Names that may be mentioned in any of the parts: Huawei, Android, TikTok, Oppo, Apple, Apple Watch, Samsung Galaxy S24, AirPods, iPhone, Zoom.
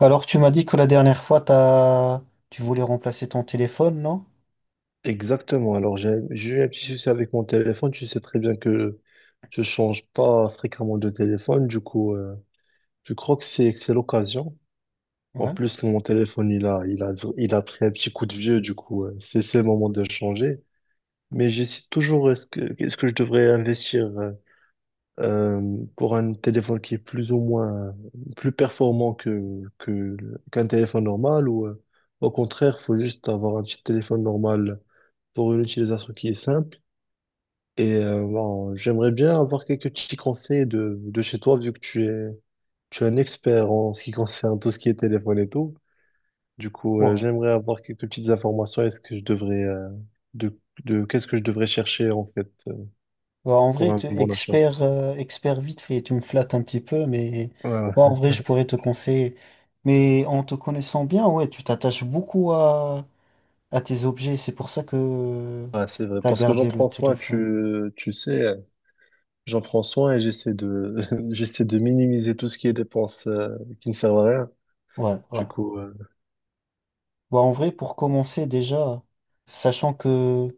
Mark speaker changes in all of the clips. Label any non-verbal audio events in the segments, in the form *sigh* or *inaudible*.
Speaker 1: Alors, tu m'as dit que la dernière fois, t'as... tu voulais remplacer ton téléphone, non?
Speaker 2: Exactement. Alors, j'ai eu un petit souci avec mon téléphone. Tu sais très bien que je change pas fréquemment de téléphone. Du coup, je crois que c'est l'occasion. En
Speaker 1: Ouais.
Speaker 2: plus, mon téléphone, il a pris un petit coup de vieux. Du coup, c'est le moment de le changer. Mais j'hésite toujours, est-ce que je devrais investir pour un téléphone qui est plus ou moins plus performant qu'un téléphone normal ou au contraire, faut juste avoir un petit téléphone normal pour une utilisation qui est simple. Et bon, j'aimerais bien avoir quelques petits conseils de chez toi, vu que tu es un expert en ce qui concerne tout ce qui est téléphone et tout. Du coup,
Speaker 1: Ouais.
Speaker 2: j'aimerais avoir quelques petites informations. Est-ce que je devrais, de, qu'est-ce que je devrais chercher, en fait,
Speaker 1: Bah, en
Speaker 2: pour
Speaker 1: vrai,
Speaker 2: un
Speaker 1: tu
Speaker 2: bon achat?
Speaker 1: expert, expert vite fait, tu me flattes un petit peu, mais
Speaker 2: Ouais,
Speaker 1: ouais, en
Speaker 2: ouais.
Speaker 1: vrai, je pourrais te conseiller. Mais en te connaissant bien, ouais, tu t'attaches beaucoup à tes objets. C'est pour ça que
Speaker 2: Ouais, c'est vrai.
Speaker 1: t'as
Speaker 2: Parce que j'en
Speaker 1: gardé le
Speaker 2: prends soin,
Speaker 1: téléphone.
Speaker 2: tu sais, j'en prends soin et j'essaie de, *laughs* j'essaie de minimiser tout ce qui est dépenses, qui ne servent à rien.
Speaker 1: Ouais, ouais.
Speaker 2: Du coup,
Speaker 1: Bah, en vrai, pour commencer déjà, sachant que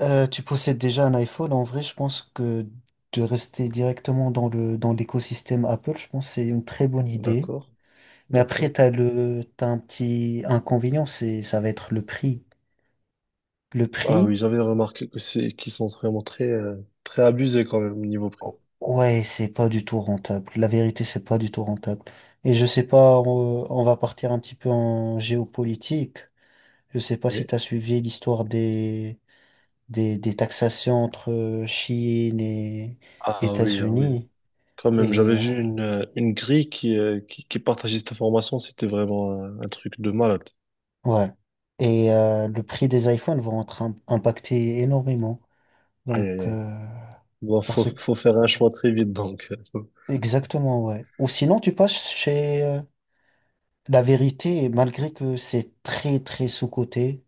Speaker 1: Tu possèdes déjà un iPhone, en vrai, je pense que de rester directement dans le, dans l'écosystème Apple, je pense que c'est une très bonne idée.
Speaker 2: d'accord,
Speaker 1: Mais après,
Speaker 2: d'accord.
Speaker 1: t'as le, t'as un petit inconvénient, c'est, ça va être le prix. Le
Speaker 2: Ah
Speaker 1: prix,
Speaker 2: oui, j'avais remarqué que c'est qu'ils sont vraiment très très abusés quand même au niveau prix.
Speaker 1: ouais, c'est pas du tout rentable. La vérité, c'est pas du tout rentable. Et je sais pas, on va partir un petit peu en géopolitique. Je sais pas
Speaker 2: Oui.
Speaker 1: si t'as suivi l'histoire des taxations entre Chine et
Speaker 2: Ah oui, ah oui.
Speaker 1: États-Unis.
Speaker 2: Quand même,
Speaker 1: Et
Speaker 2: j'avais
Speaker 1: euh,
Speaker 2: vu une grille qui qui partageait cette information, c'était vraiment un truc de malade.
Speaker 1: Ouais. Et le prix des iPhones vont être impactés énormément.
Speaker 2: Aïe
Speaker 1: Donc,
Speaker 2: aïe aïe. Bon, faut
Speaker 1: parce que...
Speaker 2: faut faire un choix très vite donc. euh,
Speaker 1: Exactement, ouais. Ou sinon, tu passes chez la vérité, malgré que c'est très, très sous-coté,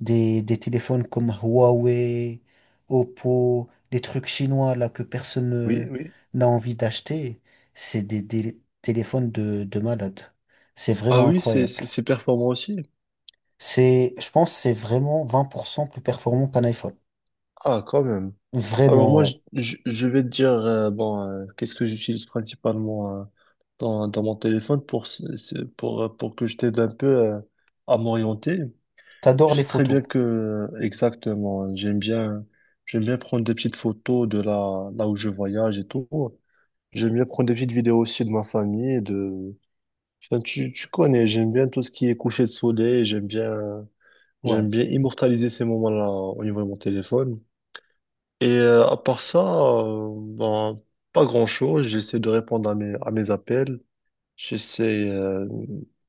Speaker 1: des téléphones comme Huawei, Oppo, des trucs chinois là que personne
Speaker 2: Oui, oui.
Speaker 1: n'a envie d'acheter, c'est des téléphones de malade. C'est
Speaker 2: Ah
Speaker 1: vraiment
Speaker 2: oui, c'est
Speaker 1: incroyable.
Speaker 2: c'est c'est performant aussi.
Speaker 1: C'est, je pense, que c'est vraiment 20% plus performant qu'un iPhone.
Speaker 2: Ah quand même. Alors
Speaker 1: Vraiment,
Speaker 2: moi
Speaker 1: ouais.
Speaker 2: je vais te dire bon qu'est-ce que j'utilise principalement dans mon téléphone pour pour que je t'aide un peu à m'orienter. Je
Speaker 1: T'adores les
Speaker 2: sais très
Speaker 1: photos.
Speaker 2: bien que, exactement, j'aime bien prendre des petites photos là où je voyage et tout. J'aime bien prendre des petites vidéos aussi de ma famille, enfin, tu connais, j'aime bien tout ce qui est coucher de soleil,
Speaker 1: Ouais.
Speaker 2: j'aime bien immortaliser ces moments-là au niveau de mon téléphone. Et à part ça, euh, ben, pas grand-chose, j'essaie de répondre à mes appels, j'essaie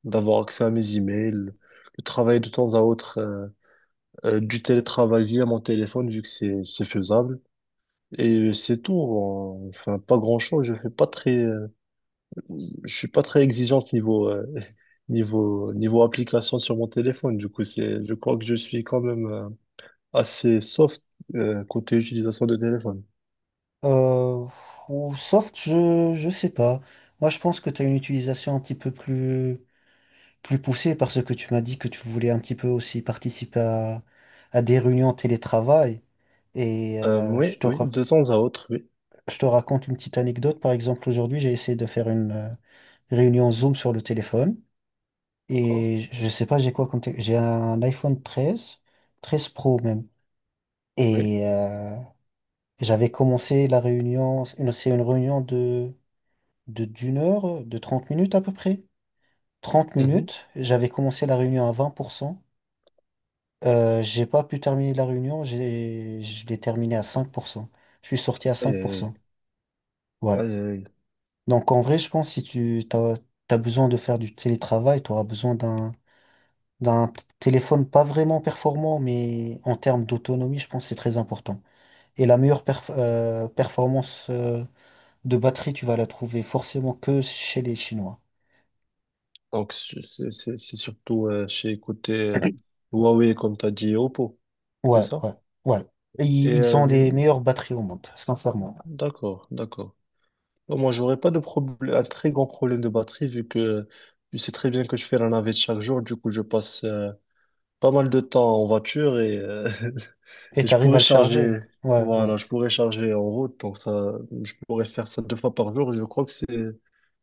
Speaker 2: d'avoir accès à mes emails, de travailler de temps à autre. Du télétravail via mon téléphone, vu que c'est faisable. Et c'est tout. Enfin, pas grand-chose. Je fais pas très, je suis pas très exigeant niveau *laughs* niveau application sur mon téléphone. Du coup, je crois que je suis quand même assez soft côté utilisation de téléphone.
Speaker 1: Euh, ou soft, je sais pas. Moi, je pense que t'as une utilisation un petit peu plus, plus poussée parce que tu m'as dit que tu voulais un petit peu aussi participer à des réunions télétravail. Et euh,
Speaker 2: Oui,
Speaker 1: je te,
Speaker 2: oui,
Speaker 1: ra-
Speaker 2: de temps à autre, oui.
Speaker 1: je te raconte une petite anecdote. Par exemple, aujourd'hui, j'ai essayé de faire une réunion Zoom sur le téléphone.
Speaker 2: D'accord.
Speaker 1: Et je sais pas, j'ai quoi comme... J'ai un iPhone 13 13 Pro même.
Speaker 2: Oui.
Speaker 1: Et euh, Et j'avais commencé la réunion, c'est une réunion de, d'1 heure, de 30 minutes à peu près. Trente
Speaker 2: Mhm.
Speaker 1: minutes, j'avais commencé la réunion à 20%. J'ai pas pu terminer la réunion, j'ai, je l'ai terminée à 5%. Je suis sorti à
Speaker 2: Aïe, aïe,
Speaker 1: 5%. Ouais.
Speaker 2: aïe, aïe, aïe.
Speaker 1: Donc en vrai, je pense si tu t'as, t'as besoin de faire du télétravail, tu auras besoin d'un, d'un téléphone pas vraiment performant, mais en termes d'autonomie, je pense que c'est très important. Et la meilleure performance de batterie, tu vas la trouver forcément que chez les Chinois.
Speaker 2: Donc, c'est surtout chez côté Huawei, comme tu as dit, et Oppo, c'est
Speaker 1: Ouais,
Speaker 2: ça?
Speaker 1: ouais, ouais. Et
Speaker 2: Et
Speaker 1: ils ont les meilleures batteries au monde, sincèrement.
Speaker 2: d'accord, d'accord. Bon, moi, j'aurais pas de problème, un très grand problème de batterie vu que tu sais très bien que je fais la navette chaque jour. Du coup, je passe pas mal de temps en voiture et, *laughs*
Speaker 1: Et
Speaker 2: et je
Speaker 1: t'arrives à
Speaker 2: pourrais
Speaker 1: le charger.
Speaker 2: charger.
Speaker 1: Ouais, ouais.
Speaker 2: Voilà, je pourrais charger en route. Donc ça, je pourrais faire ça deux fois par jour. Je crois que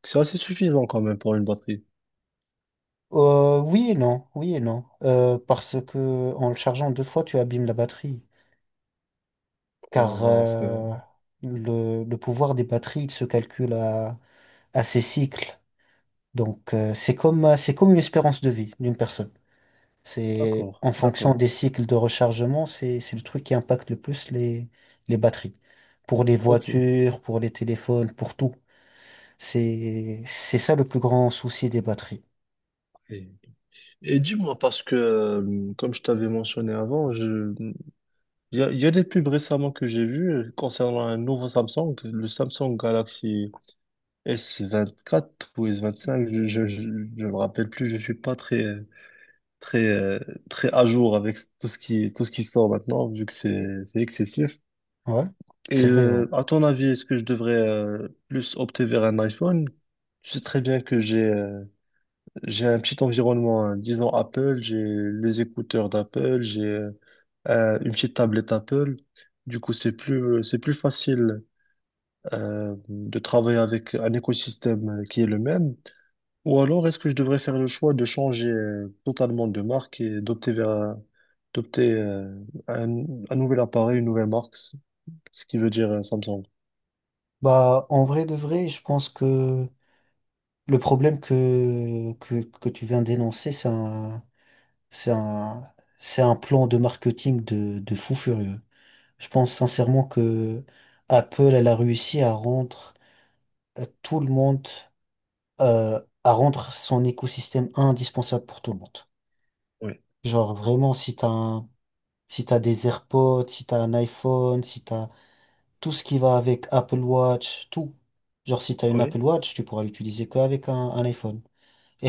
Speaker 2: c'est assez suffisant quand même pour une batterie.
Speaker 1: Oui et non, oui et non. Parce que en le chargeant 2 fois, tu abîmes la batterie.
Speaker 2: Ouais,
Speaker 1: Car
Speaker 2: ouais, enfin,
Speaker 1: le pouvoir des batteries, il se calcule à ses cycles. Donc c'est comme une espérance de vie d'une personne. C'est
Speaker 2: d'accord,
Speaker 1: en fonction
Speaker 2: d'accord.
Speaker 1: des cycles de rechargement, c'est le truc qui impacte le plus les batteries. Pour les
Speaker 2: Ok.
Speaker 1: voitures, pour les téléphones, pour tout. C'est ça le plus grand souci des batteries.
Speaker 2: Et, et dis-moi parce que comme je t'avais mentionné avant, je il y a, il y a des pubs récemment que j'ai vues concernant un nouveau Samsung, le Samsung Galaxy S24 ou S25, je me rappelle plus, je suis pas très, très, très à jour avec tout ce qui sort maintenant, vu que c'est excessif.
Speaker 1: Ouais,
Speaker 2: Et
Speaker 1: c'est vrai, ouais.
Speaker 2: à ton avis, est-ce que je devrais plus opter vers un iPhone? Tu sais très bien que j'ai un petit environnement, hein, disons Apple, j'ai les écouteurs d'Apple, j'ai une petite tablette Apple. Du coup, c'est plus facile de travailler avec un écosystème qui est le même. Ou alors, est-ce que je devrais faire le choix de changer totalement de marque et d'opter vers d'opter euh, un, un nouvel appareil, une nouvelle marque, ce qui veut dire Samsung.
Speaker 1: Bah en vrai de vrai, je pense que le problème que tu viens d'énoncer, c'est un c'est un c'est un plan de marketing de fou furieux. Je pense sincèrement que Apple, elle a réussi à rendre tout le monde à rendre son écosystème indispensable pour tout le monde.
Speaker 2: Oui,
Speaker 1: Genre vraiment, si t'as un, si t'as des AirPods, si t'as un iPhone, si t'as tout ce qui va avec Apple Watch, tout. Genre si t'as une
Speaker 2: oui,
Speaker 1: Apple Watch, tu pourras l'utiliser qu'avec un iPhone.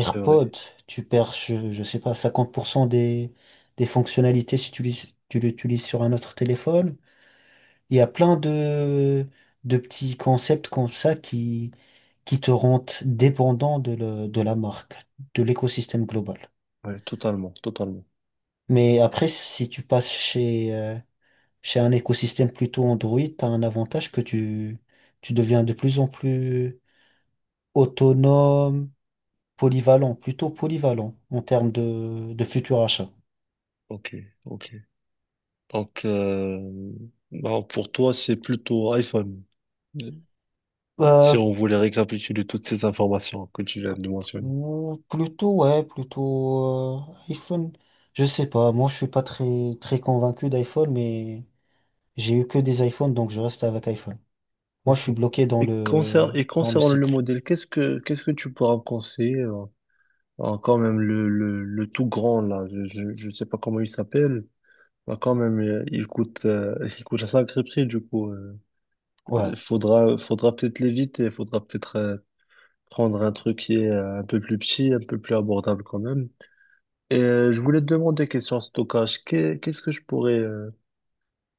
Speaker 2: c'est vrai.
Speaker 1: tu perds, je sais pas, 50% des fonctionnalités si tu l'utilises sur un autre téléphone. Il y a plein de petits concepts comme ça qui te rendent dépendant de, de la marque, de l'écosystème global.
Speaker 2: Oui, totalement, totalement.
Speaker 1: Mais après, si tu passes chez, chez un écosystème plutôt Android, tu as un avantage que tu deviens de plus en plus autonome, polyvalent, plutôt polyvalent en termes de futurs achats.
Speaker 2: Ok, ok. Donc, bon, pour toi, c'est plutôt iPhone. Si
Speaker 1: Euh,
Speaker 2: on voulait récapituler toutes ces informations que tu viens de mentionner.
Speaker 1: ou plutôt, ouais, plutôt iPhone. Je sais pas, moi je suis pas très, très convaincu d'iPhone, mais j'ai eu que des iPhones, donc je reste avec iPhone. Moi, je
Speaker 2: Ok.
Speaker 1: suis bloqué
Speaker 2: Et
Speaker 1: dans le
Speaker 2: concernant le
Speaker 1: cycle.
Speaker 2: modèle, qu'est-ce que tu pourras me conseiller? Ah, quand même, le tout grand, là, je sais pas comment il s'appelle. Ah, quand même, il coûte un sacré prix, du coup.
Speaker 1: Ouais.
Speaker 2: Faudra, faudra peut-être l'éviter, faudra peut-être prendre un truc qui est un peu plus petit, un peu plus abordable quand même. Et je voulais te demander, question stockage, qu'est-ce que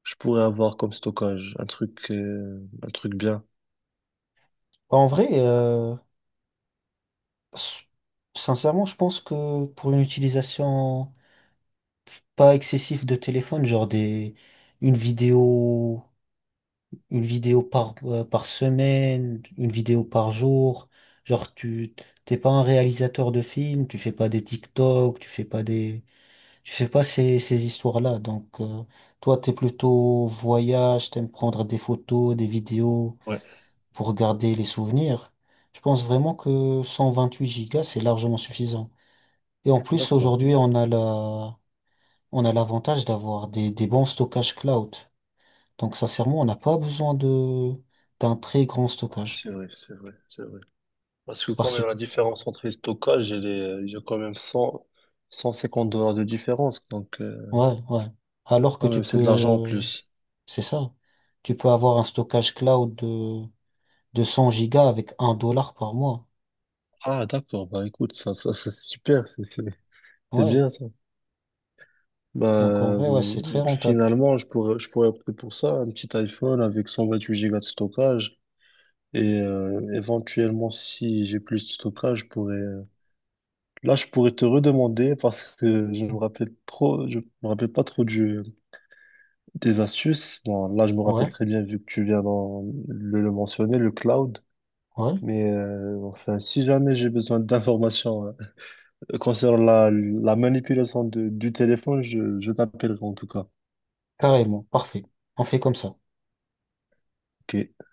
Speaker 2: je pourrais avoir comme stockage? Un truc bien.
Speaker 1: Bah, en vrai, s- sincèrement, je pense que pour une utilisation pas excessive de téléphone, genre des, une vidéo, une vidéo par, par semaine, une vidéo par jour, genre tu, t'es pas un réalisateur de films, tu fais pas des TikTok, tu fais pas des, tu fais pas ces, ces histoires-là. Donc, toi, t'es plutôt voyage, t'aimes prendre des photos, des vidéos,
Speaker 2: Ouais.
Speaker 1: pour garder les souvenirs. Je pense vraiment que 128 gigas, c'est largement suffisant. Et en plus,
Speaker 2: D'accord.
Speaker 1: aujourd'hui, on a la, on a l'avantage d'avoir des bons stockages cloud. Donc, sincèrement, on n'a pas besoin de, d'un très grand
Speaker 2: Ouais,
Speaker 1: stockage.
Speaker 2: c'est vrai, c'est vrai, c'est vrai. Parce que quand
Speaker 1: Parce
Speaker 2: même,
Speaker 1: que,
Speaker 2: la différence entre les stockages, il y a quand même 100, 150 dollars de différence. Donc,
Speaker 1: ouais, ouais. Alors que
Speaker 2: quand
Speaker 1: tu
Speaker 2: même, c'est de l'argent en
Speaker 1: peux,
Speaker 2: plus.
Speaker 1: c'est ça. Tu peux avoir un stockage cloud de 100 gigas avec 1 dollar par mois.
Speaker 2: Ah, d'accord. Bah, écoute, ça, c'est super. C'est
Speaker 1: Ouais.
Speaker 2: bien, ça. Bah,
Speaker 1: Donc, en vrai, ouais, c'est très rentable.
Speaker 2: finalement, je pourrais opter pour ça. Un petit iPhone avec 128 gigas de stockage. Et éventuellement, si j'ai plus de stockage, là, je pourrais te redemander parce que je me rappelle pas trop des astuces, bon, là je me rappelle
Speaker 1: Ouais,
Speaker 2: très bien vu que tu viens de le mentionner, le cloud.
Speaker 1: ouais.
Speaker 2: Mais enfin, si jamais j'ai besoin d'informations concernant la manipulation du téléphone, je t'appellerai en tout cas.
Speaker 1: Carrément. Parfait. On fait comme ça.
Speaker 2: Ok.